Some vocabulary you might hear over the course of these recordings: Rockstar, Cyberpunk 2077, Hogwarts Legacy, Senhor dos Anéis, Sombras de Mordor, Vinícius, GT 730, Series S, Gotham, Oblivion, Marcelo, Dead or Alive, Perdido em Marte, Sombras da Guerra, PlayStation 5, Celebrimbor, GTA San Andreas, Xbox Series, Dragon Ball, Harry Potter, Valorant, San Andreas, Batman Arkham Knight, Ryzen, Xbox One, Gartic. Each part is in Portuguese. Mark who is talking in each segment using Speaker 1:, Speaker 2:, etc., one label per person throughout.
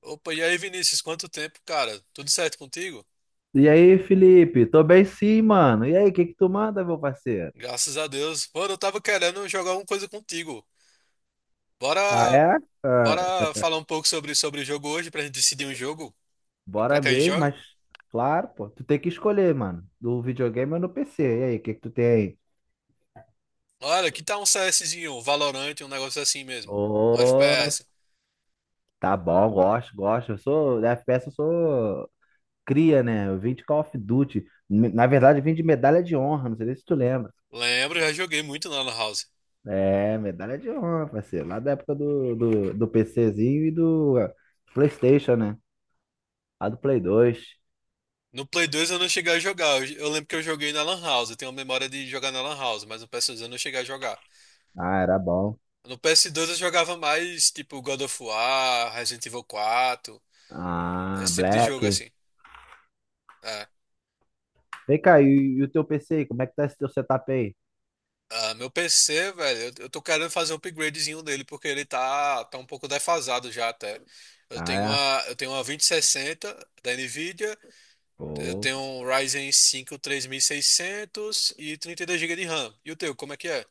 Speaker 1: Opa, e aí, Vinícius, quanto tempo, cara? Tudo certo contigo?
Speaker 2: E aí, Felipe? Tô bem sim, mano. E aí, o que que tu manda, meu parceiro?
Speaker 1: Graças a Deus. Mano, eu tava querendo jogar alguma coisa contigo.
Speaker 2: Ah,
Speaker 1: Bora,
Speaker 2: é? Ah,
Speaker 1: bora falar um pouco sobre o jogo hoje pra gente decidir um jogo pra
Speaker 2: Bora
Speaker 1: que a gente
Speaker 2: mesmo,
Speaker 1: joga?
Speaker 2: mas claro, pô. Tu tem que escolher, mano. Do videogame ou no PC. E aí, o que que tu tem aí?
Speaker 1: Olha, que tal um CSzinho, um Valorant, um negócio assim mesmo. Um
Speaker 2: Ô,
Speaker 1: FPS.
Speaker 2: tá bom, gosto, gosto. Da FPS eu sou cria, né? Eu vim de Call of Duty. Na verdade, eu vim de medalha de honra, não sei nem se tu lembra.
Speaker 1: Lembro, já joguei muito na Lan House.
Speaker 2: É, medalha de honra, parceiro. Lá da época do PCzinho e do PlayStation, né? Lá do Play 2.
Speaker 1: No Play 2 eu não cheguei a jogar. Eu lembro que eu joguei na Lan House. Eu tenho a memória de jogar na Lan House, mas no PS2 eu não cheguei a jogar.
Speaker 2: Ah, era bom.
Speaker 1: No PS2 eu jogava mais tipo God of War, Resident Evil 4.
Speaker 2: Ah,
Speaker 1: Esse tipo de
Speaker 2: Black.
Speaker 1: jogo, assim. É.
Speaker 2: Vem cá, e o teu PC aí? Como é que tá esse teu setup aí?
Speaker 1: Ah, meu PC, velho, eu tô querendo fazer um upgradezinho nele, porque ele tá um pouco defasado já até.
Speaker 2: Ah, é?
Speaker 1: Eu tenho uma 2060 da Nvidia, eu
Speaker 2: Pô,
Speaker 1: tenho um Ryzen 5 3600 e 32 GB de RAM. E o teu, como é que é?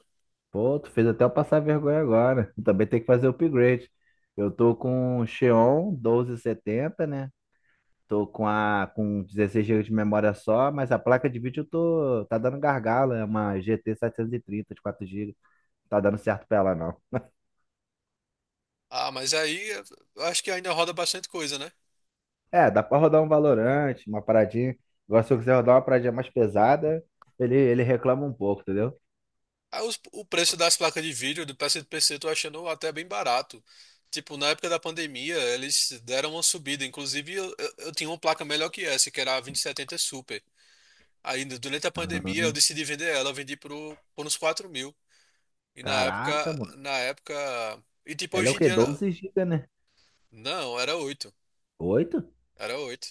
Speaker 2: pô, tu fez até eu passar vergonha agora. Também tem que fazer o upgrade. Eu tô com o Xeon 1270, né? Tô com 16 GB de memória só, mas a placa de vídeo eu tô tá dando gargalo, é uma GT 730 de 4 GB. Tá dando certo pra ela não.
Speaker 1: Ah, mas aí eu acho que ainda roda bastante coisa, né?
Speaker 2: É, dá pra rodar um Valorant, uma paradinha. Agora se eu quiser rodar uma paradinha mais pesada, ele reclama um pouco, entendeu?
Speaker 1: O preço das placas de vídeo do PSPC eu tô achando até bem barato. Tipo, na época da pandemia, eles deram uma subida. Inclusive, eu tinha uma placa melhor que essa, que era a 2070 Super. Aí, durante a pandemia, eu
Speaker 2: Ah.
Speaker 1: decidi vender ela. Por uns 4 mil. E
Speaker 2: Caraca, mano.
Speaker 1: na época... E tipo,
Speaker 2: Ela é o
Speaker 1: hoje em
Speaker 2: quê?
Speaker 1: dia...
Speaker 2: 12 GB, né?
Speaker 1: Não, era oito.
Speaker 2: 8?
Speaker 1: Era oito.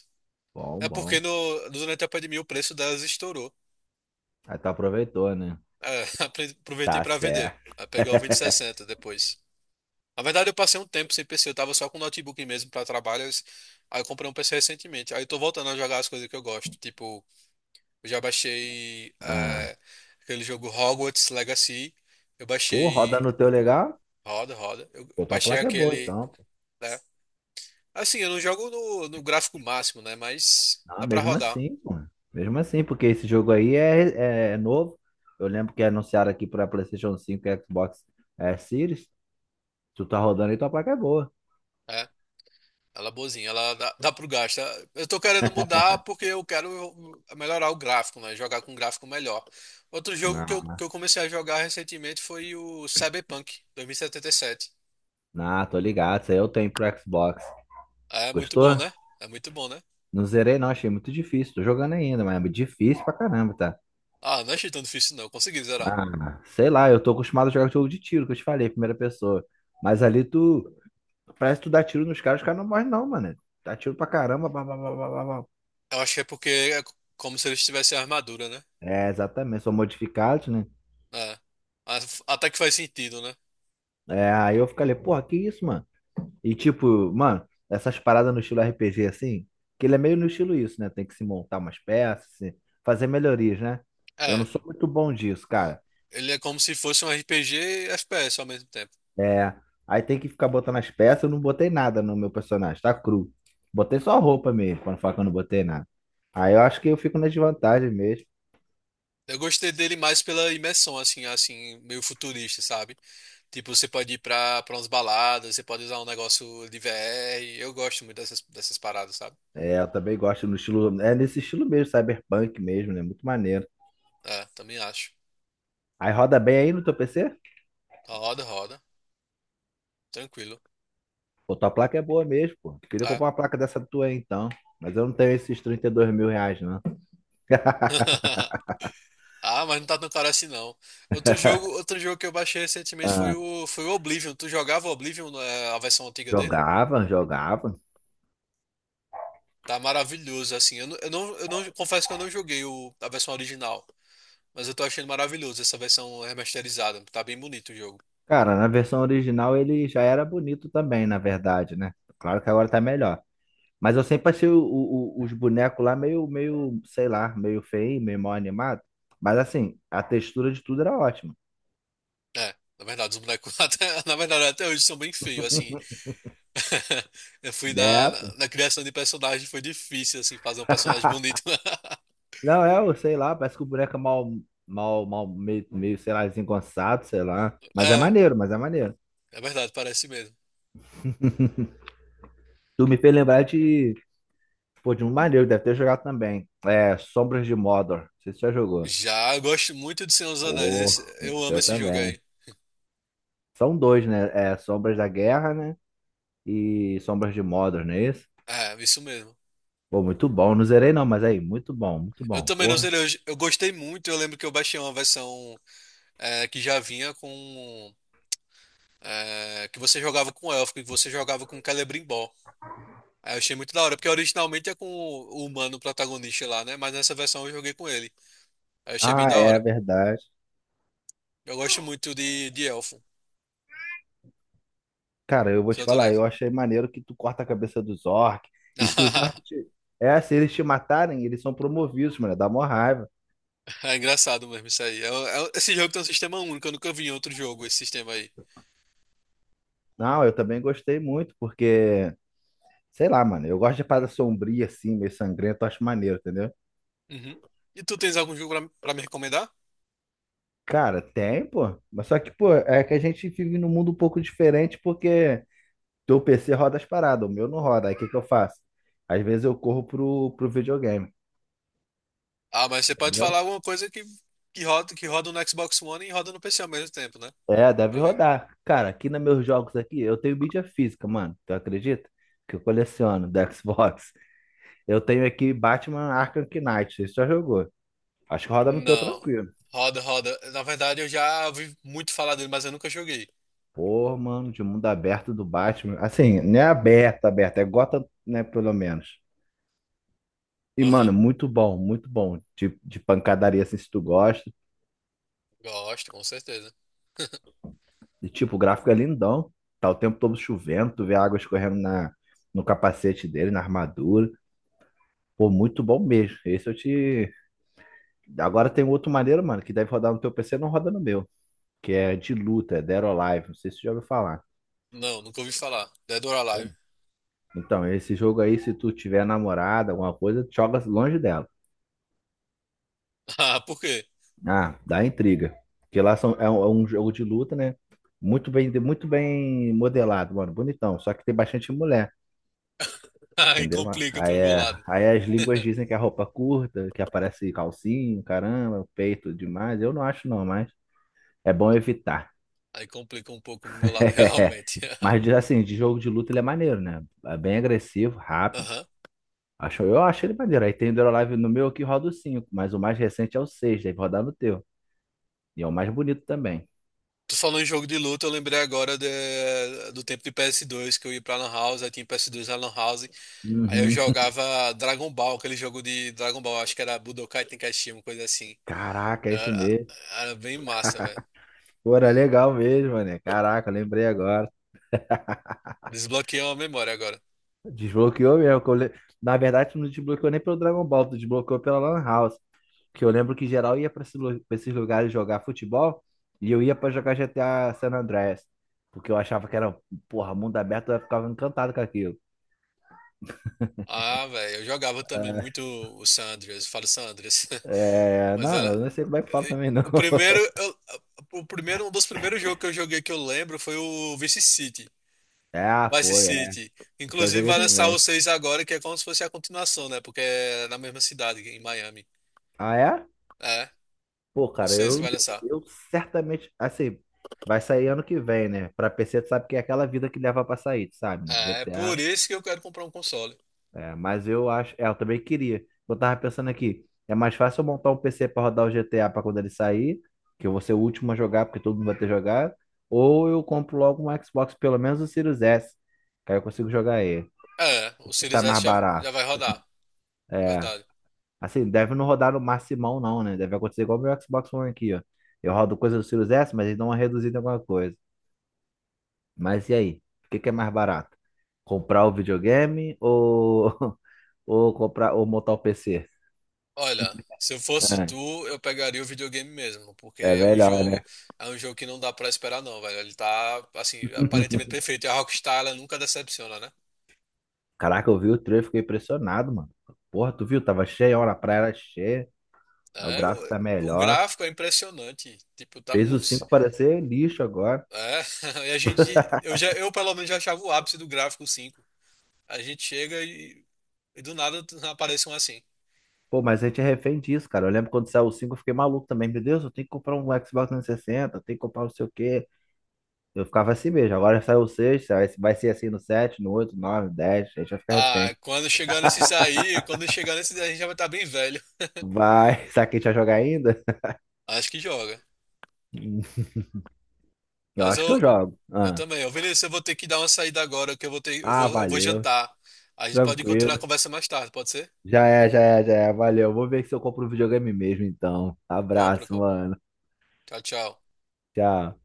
Speaker 2: Bom,
Speaker 1: É porque
Speaker 2: bom.
Speaker 1: no, durante a pandemia o preço delas estourou.
Speaker 2: Aí tu aproveitou, né?
Speaker 1: É, aproveitei
Speaker 2: Tá
Speaker 1: para vender.
Speaker 2: certo.
Speaker 1: Aí peguei o 2060 depois. Na verdade, eu passei um tempo sem PC, eu tava só com notebook mesmo pra trabalho. Aí eu comprei um PC recentemente. Aí eu tô voltando a jogar as coisas que eu gosto. Tipo, eu já baixei
Speaker 2: Ah.
Speaker 1: aquele jogo Hogwarts Legacy. Eu
Speaker 2: Pô, roda
Speaker 1: baixei.
Speaker 2: no teu legal?
Speaker 1: Roda, roda. Eu
Speaker 2: Pô, tua
Speaker 1: baixei
Speaker 2: placa é boa,
Speaker 1: aquele.
Speaker 2: então, pô.
Speaker 1: Né? Assim, eu não jogo no gráfico máximo, né? Mas
Speaker 2: Não,
Speaker 1: dá pra
Speaker 2: mesmo
Speaker 1: rodar.
Speaker 2: assim, pô. Mesmo assim, porque esse jogo aí é novo. Eu lembro que anunciaram aqui pra PlayStation 5, e Xbox Series. Tu tá rodando e tua placa é boa.
Speaker 1: Né? Ela é boazinha, ela dá, dá pro gasto. Eu tô querendo mudar porque eu quero melhorar o gráfico, né? Jogar com um gráfico melhor. Outro jogo
Speaker 2: Ah,
Speaker 1: que eu comecei a jogar recentemente foi o Cyberpunk 2077.
Speaker 2: não, tô ligado. Isso aí eu tenho pro Xbox.
Speaker 1: É muito bom,
Speaker 2: Gostou?
Speaker 1: né? É muito bom, né?
Speaker 2: Não zerei, não. Achei muito difícil. Tô jogando ainda, mas é difícil pra caramba, tá?
Speaker 1: Ah, não achei tão difícil não. Eu consegui zerar.
Speaker 2: Ah, sei lá, eu tô acostumado a jogar jogo de tiro, que eu te falei, primeira pessoa. Mas ali tu. Parece que tu dá tiro nos caras, os caras não morrem, não, mano. Dá tiro pra caramba. Blá, blá, blá, blá, blá, blá.
Speaker 1: Eu acho que é porque é como se eles tivessem armadura, né?
Speaker 2: É, exatamente, são modificados, né?
Speaker 1: É. Mas até que faz sentido, né?
Speaker 2: É, aí eu fico ali, porra, que isso, mano? E tipo, mano, essas paradas no estilo RPG assim, que ele é meio no estilo isso, né? Tem que se montar umas peças, fazer melhorias, né? Eu não
Speaker 1: É.
Speaker 2: sou muito bom disso, cara.
Speaker 1: Ele é como se fosse um RPG e FPS ao mesmo tempo.
Speaker 2: É. Aí tem que ficar botando as peças. Eu não botei nada no meu personagem, tá cru. Botei só roupa mesmo, quando fala que eu não botei nada. Aí eu acho que eu fico na desvantagem mesmo.
Speaker 1: Eu gostei dele mais pela imersão, assim, meio futurista, sabe? Tipo, você pode ir pra umas baladas, você pode usar um negócio de VR. Eu gosto muito dessas paradas, sabe?
Speaker 2: É, eu também gosto no estilo. É nesse estilo mesmo, cyberpunk mesmo, né? Muito maneiro.
Speaker 1: É, também acho.
Speaker 2: Aí roda bem aí no teu PC?
Speaker 1: Roda, roda. Tranquilo.
Speaker 2: Pô, tua placa é boa mesmo, pô. Queria
Speaker 1: É.
Speaker 2: comprar uma placa dessa tua aí então. Mas eu não tenho esses R$ 32 mil, não.
Speaker 1: Ah, mas não tá tão caro assim não. Outro jogo que eu baixei recentemente foi
Speaker 2: Ah,
Speaker 1: foi o Oblivion. Tu jogava o Oblivion, é, a versão antiga dele?
Speaker 2: jogava, jogava.
Speaker 1: Tá maravilhoso, assim. Eu não confesso que eu não joguei a versão original, mas eu tô achando maravilhoso essa versão remasterizada. Tá bem bonito o jogo.
Speaker 2: Cara, na versão original ele já era bonito também, na verdade, né? Claro que agora tá melhor. Mas eu sempre achei os bonecos lá meio, meio, sei lá, meio feio, meio mal animado. Mas assim, a textura de tudo era ótima.
Speaker 1: É, na verdade, os bonecos até, na verdade até hoje são bem feios, assim, Eu fui na,
Speaker 2: É,
Speaker 1: na
Speaker 2: pô.
Speaker 1: na criação de personagem, foi difícil, assim, fazer um personagem bonito.
Speaker 2: Não, é, eu sei lá, parece que o boneco é mal, mal, mal, meio, meio, sei lá, desengonçado, sei lá. Mas é
Speaker 1: É,
Speaker 2: maneiro, mas é maneiro.
Speaker 1: é verdade, parece mesmo.
Speaker 2: Tu me fez lembrar de, pô, de um maneiro, deve ter jogado também. É, Sombras de Mordor. Não sei se você já jogou.
Speaker 1: Já eu gosto muito de Senhor dos Anéis,
Speaker 2: Oh,
Speaker 1: eu amo
Speaker 2: eu
Speaker 1: esse jogo
Speaker 2: também.
Speaker 1: aí.
Speaker 2: São dois, né? É, Sombras da Guerra, né? E Sombras de Mordor, não é isso?
Speaker 1: É, isso mesmo.
Speaker 2: Pô, muito bom. Não zerei não, mas aí, muito bom, muito
Speaker 1: Eu
Speaker 2: bom.
Speaker 1: também não sei,
Speaker 2: Porra.
Speaker 1: eu gostei muito, eu lembro que eu baixei uma versão que já vinha com... é, que você jogava com elfo, que você jogava com Celebrimbor. Aí eu achei muito da hora, porque originalmente é com o humano protagonista lá, né? Mas nessa versão eu joguei com ele. Aí eu achei bem
Speaker 2: Ah,
Speaker 1: da
Speaker 2: é
Speaker 1: hora.
Speaker 2: verdade.
Speaker 1: Eu gosto muito de elfo.
Speaker 2: Cara, eu vou te
Speaker 1: Seu
Speaker 2: falar,
Speaker 1: Drive.
Speaker 2: eu achei maneiro que tu corta a cabeça dos orcs. E se os orcs te... É, se eles te matarem, eles são promovidos, mano. Dá mó raiva.
Speaker 1: É engraçado mesmo isso aí. Esse jogo tem um sistema único, eu nunca vi em outro jogo esse sistema aí.
Speaker 2: Não, eu também gostei muito, porque, sei lá, mano, eu gosto de parada sombria, assim, meio sangrento, eu acho maneiro, entendeu?
Speaker 1: Uhum. E tu tens algum jogo pra me recomendar?
Speaker 2: Cara, tem, pô. Mas só que, pô, é que a gente vive num mundo um pouco diferente, porque teu PC roda as paradas, o meu não roda. Aí o que que eu faço? Às vezes eu corro pro videogame,
Speaker 1: Ah, mas você pode falar
Speaker 2: entendeu?
Speaker 1: alguma coisa que roda no Xbox One e roda no PC ao mesmo tempo, né?
Speaker 2: É, deve
Speaker 1: Pra mim.
Speaker 2: rodar. Cara, aqui nos meus jogos aqui, eu tenho mídia física, mano. Tu acredita? Que eu coleciono da Xbox. Eu tenho aqui Batman Arkham Knight. Você já jogou? Acho que roda no teu
Speaker 1: Não.
Speaker 2: tranquilo.
Speaker 1: Roda, roda. Na verdade, eu já ouvi muito falar dele, mas eu nunca joguei.
Speaker 2: Pô, mano, de mundo aberto do Batman. Assim, não é aberto, aberto. É Gotham, né, pelo menos. E, mano,
Speaker 1: Aham.
Speaker 2: muito bom, muito bom. De pancadaria, assim, se tu gosta.
Speaker 1: Gosto, com certeza.
Speaker 2: E, tipo, o gráfico é lindão. Tá o tempo todo chovendo. Tu vê a água escorrendo no capacete dele, na armadura. Pô, muito bom mesmo. Esse eu te... Agora tem um outro maneiro, mano, que deve rodar no teu PC, não roda no meu. Que é de luta, é Dead or Alive. Não sei se você já ouviu falar.
Speaker 1: Não, nunca ouvi falar. Dead or Alive.
Speaker 2: Como? Então, esse jogo aí, se tu tiver namorada, alguma coisa, joga longe dela.
Speaker 1: Ah, por quê?
Speaker 2: Ah, dá intriga. Porque lá são, é um jogo de luta, né? Muito bem modelado, mano. Bonitão. Só que tem bastante mulher,
Speaker 1: Aí
Speaker 2: entendeu?
Speaker 1: complica
Speaker 2: Aí,
Speaker 1: pro meu
Speaker 2: é-
Speaker 1: lado.
Speaker 2: aí as línguas dizem que é roupa curta, que aparece calcinho, caramba, peito demais. Eu não acho não, mas é bom evitar.
Speaker 1: Aí complica um pouco pro meu lado,
Speaker 2: É.
Speaker 1: realmente.
Speaker 2: Mas assim, de jogo de luta ele é maneiro, né? É bem agressivo, rápido.
Speaker 1: Aham.
Speaker 2: Acho, eu acho ele maneiro. Aí tem o Live no meu que roda o 5, mas o mais recente é o 6, deve rodar no teu. E é o mais bonito também.
Speaker 1: Tu falou em jogo de luta, eu lembrei agora do tempo de PS2 que eu ia pra Lan House, aí tinha PS2 na Lan House, aí eu
Speaker 2: Uhum.
Speaker 1: jogava Dragon Ball, aquele jogo de Dragon Ball, acho que era Budokai Tenkaichi, uma coisa assim.
Speaker 2: Caraca, é isso
Speaker 1: Era,
Speaker 2: mesmo.
Speaker 1: era bem massa, velho.
Speaker 2: Pô, era legal mesmo, né? Caraca, eu lembrei agora.
Speaker 1: Desbloqueou a memória agora.
Speaker 2: Desbloqueou mesmo. Na verdade, tu não desbloqueou nem pelo Dragon Ball, tu desbloqueou pela Lan House. Que eu lembro que geral ia pra esse pra esses lugares jogar futebol e eu ia pra jogar GTA San Andreas. Porque eu achava que era, porra, mundo aberto, eu ficava encantado com aquilo.
Speaker 1: Ah, velho, eu jogava também muito o San Andreas, eu falo San Andreas,
Speaker 2: É,
Speaker 1: mas
Speaker 2: não,
Speaker 1: era.
Speaker 2: eu não sei como é que fala também, não.
Speaker 1: O primeiro, eu- o primeiro, um dos primeiros jogos que eu joguei que eu lembro foi o Vice City.
Speaker 2: É, ah,
Speaker 1: Vice
Speaker 2: foi, é.
Speaker 1: City.
Speaker 2: Esse eu
Speaker 1: Inclusive
Speaker 2: joguei
Speaker 1: vai lançar o
Speaker 2: também.
Speaker 1: 6 agora, que é como se fosse a continuação, né? Porque é na mesma cidade, em Miami.
Speaker 2: Ah, é?
Speaker 1: É,
Speaker 2: Pô,
Speaker 1: o
Speaker 2: cara,
Speaker 1: 6 que
Speaker 2: eu,
Speaker 1: vai lançar.
Speaker 2: eu certamente, assim, vai sair ano que vem, né? Pra PC, tu sabe que é aquela vida que leva pra sair, tu sabe, né?
Speaker 1: É, é por
Speaker 2: GTA
Speaker 1: isso que eu quero comprar um console.
Speaker 2: É, mas eu acho. É, eu também queria. Eu tava pensando aqui, é mais fácil eu montar um PC pra rodar o GTA pra quando ele sair, que eu vou ser o último a jogar, porque todo mundo vai ter jogado, ou eu compro logo um Xbox, pelo menos o Series S, que aí eu consigo jogar ele.
Speaker 1: É,
Speaker 2: O
Speaker 1: o
Speaker 2: que
Speaker 1: Series
Speaker 2: tá
Speaker 1: S
Speaker 2: mais
Speaker 1: já, já
Speaker 2: barato?
Speaker 1: vai rodar, é
Speaker 2: É.
Speaker 1: verdade.
Speaker 2: Assim, deve não rodar no maximão, não, né? Deve acontecer igual o meu Xbox One aqui, ó. Eu rodo coisa do Series S, mas eles dão uma reduzida em alguma coisa. Mas e aí? O que que é mais barato? Comprar o videogame ou, ou comprar ou montar o PC?
Speaker 1: Olha, se eu fosse tu, eu pegaria o videogame mesmo, porque
Speaker 2: É melhor, né?
Speaker 1: é um jogo que não dá pra esperar não, velho. Ele tá, assim, aparentemente perfeito. E a Rockstar, ela nunca decepciona, né?
Speaker 2: Caraca, eu vi o trailer, fiquei impressionado, mano. Porra, tu viu? Tava cheia, hora a praia era cheia, o
Speaker 1: É,
Speaker 2: gráfico tá
Speaker 1: o
Speaker 2: melhor.
Speaker 1: gráfico é impressionante. Tipo, tá
Speaker 2: Fez o
Speaker 1: muito.
Speaker 2: 5 parecer lixo agora.
Speaker 1: É, e a gente, eu já, eu pelo menos já achava o ápice do gráfico cinco. A gente chega e do nada aparece um assim.
Speaker 2: Pô, mas a gente é refém disso, cara. Eu lembro quando saiu o 5, eu fiquei maluco também. Meu Deus, eu tenho que comprar um Xbox 360, eu tenho que comprar não sei o quê. Eu ficava assim mesmo. Agora saiu o 6, vai ser assim no 7, no 8, 9, 10. A gente vai ficar
Speaker 1: Ah,
Speaker 2: refém.
Speaker 1: quando chegar nesses aí, a gente já vai estar bem velho.
Speaker 2: Vai, será que a gente vai jogar ainda?
Speaker 1: Acho que joga.
Speaker 2: Eu
Speaker 1: Mas
Speaker 2: acho que eu
Speaker 1: eu,
Speaker 2: jogo.
Speaker 1: eu
Speaker 2: Ah,
Speaker 1: também. Ô, Vinícius, eu vou ter que dar uma saída agora, que eu vou ter,
Speaker 2: ah
Speaker 1: eu vou
Speaker 2: valeu.
Speaker 1: jantar. A gente pode continuar a
Speaker 2: Tranquilo.
Speaker 1: conversa mais tarde, pode ser?
Speaker 2: Já é, já é, já é. Valeu. Vou ver se eu compro um videogame mesmo, então.
Speaker 1: Compra,
Speaker 2: Abraço,
Speaker 1: compra.
Speaker 2: mano.
Speaker 1: Tchau, tchau.
Speaker 2: Tchau.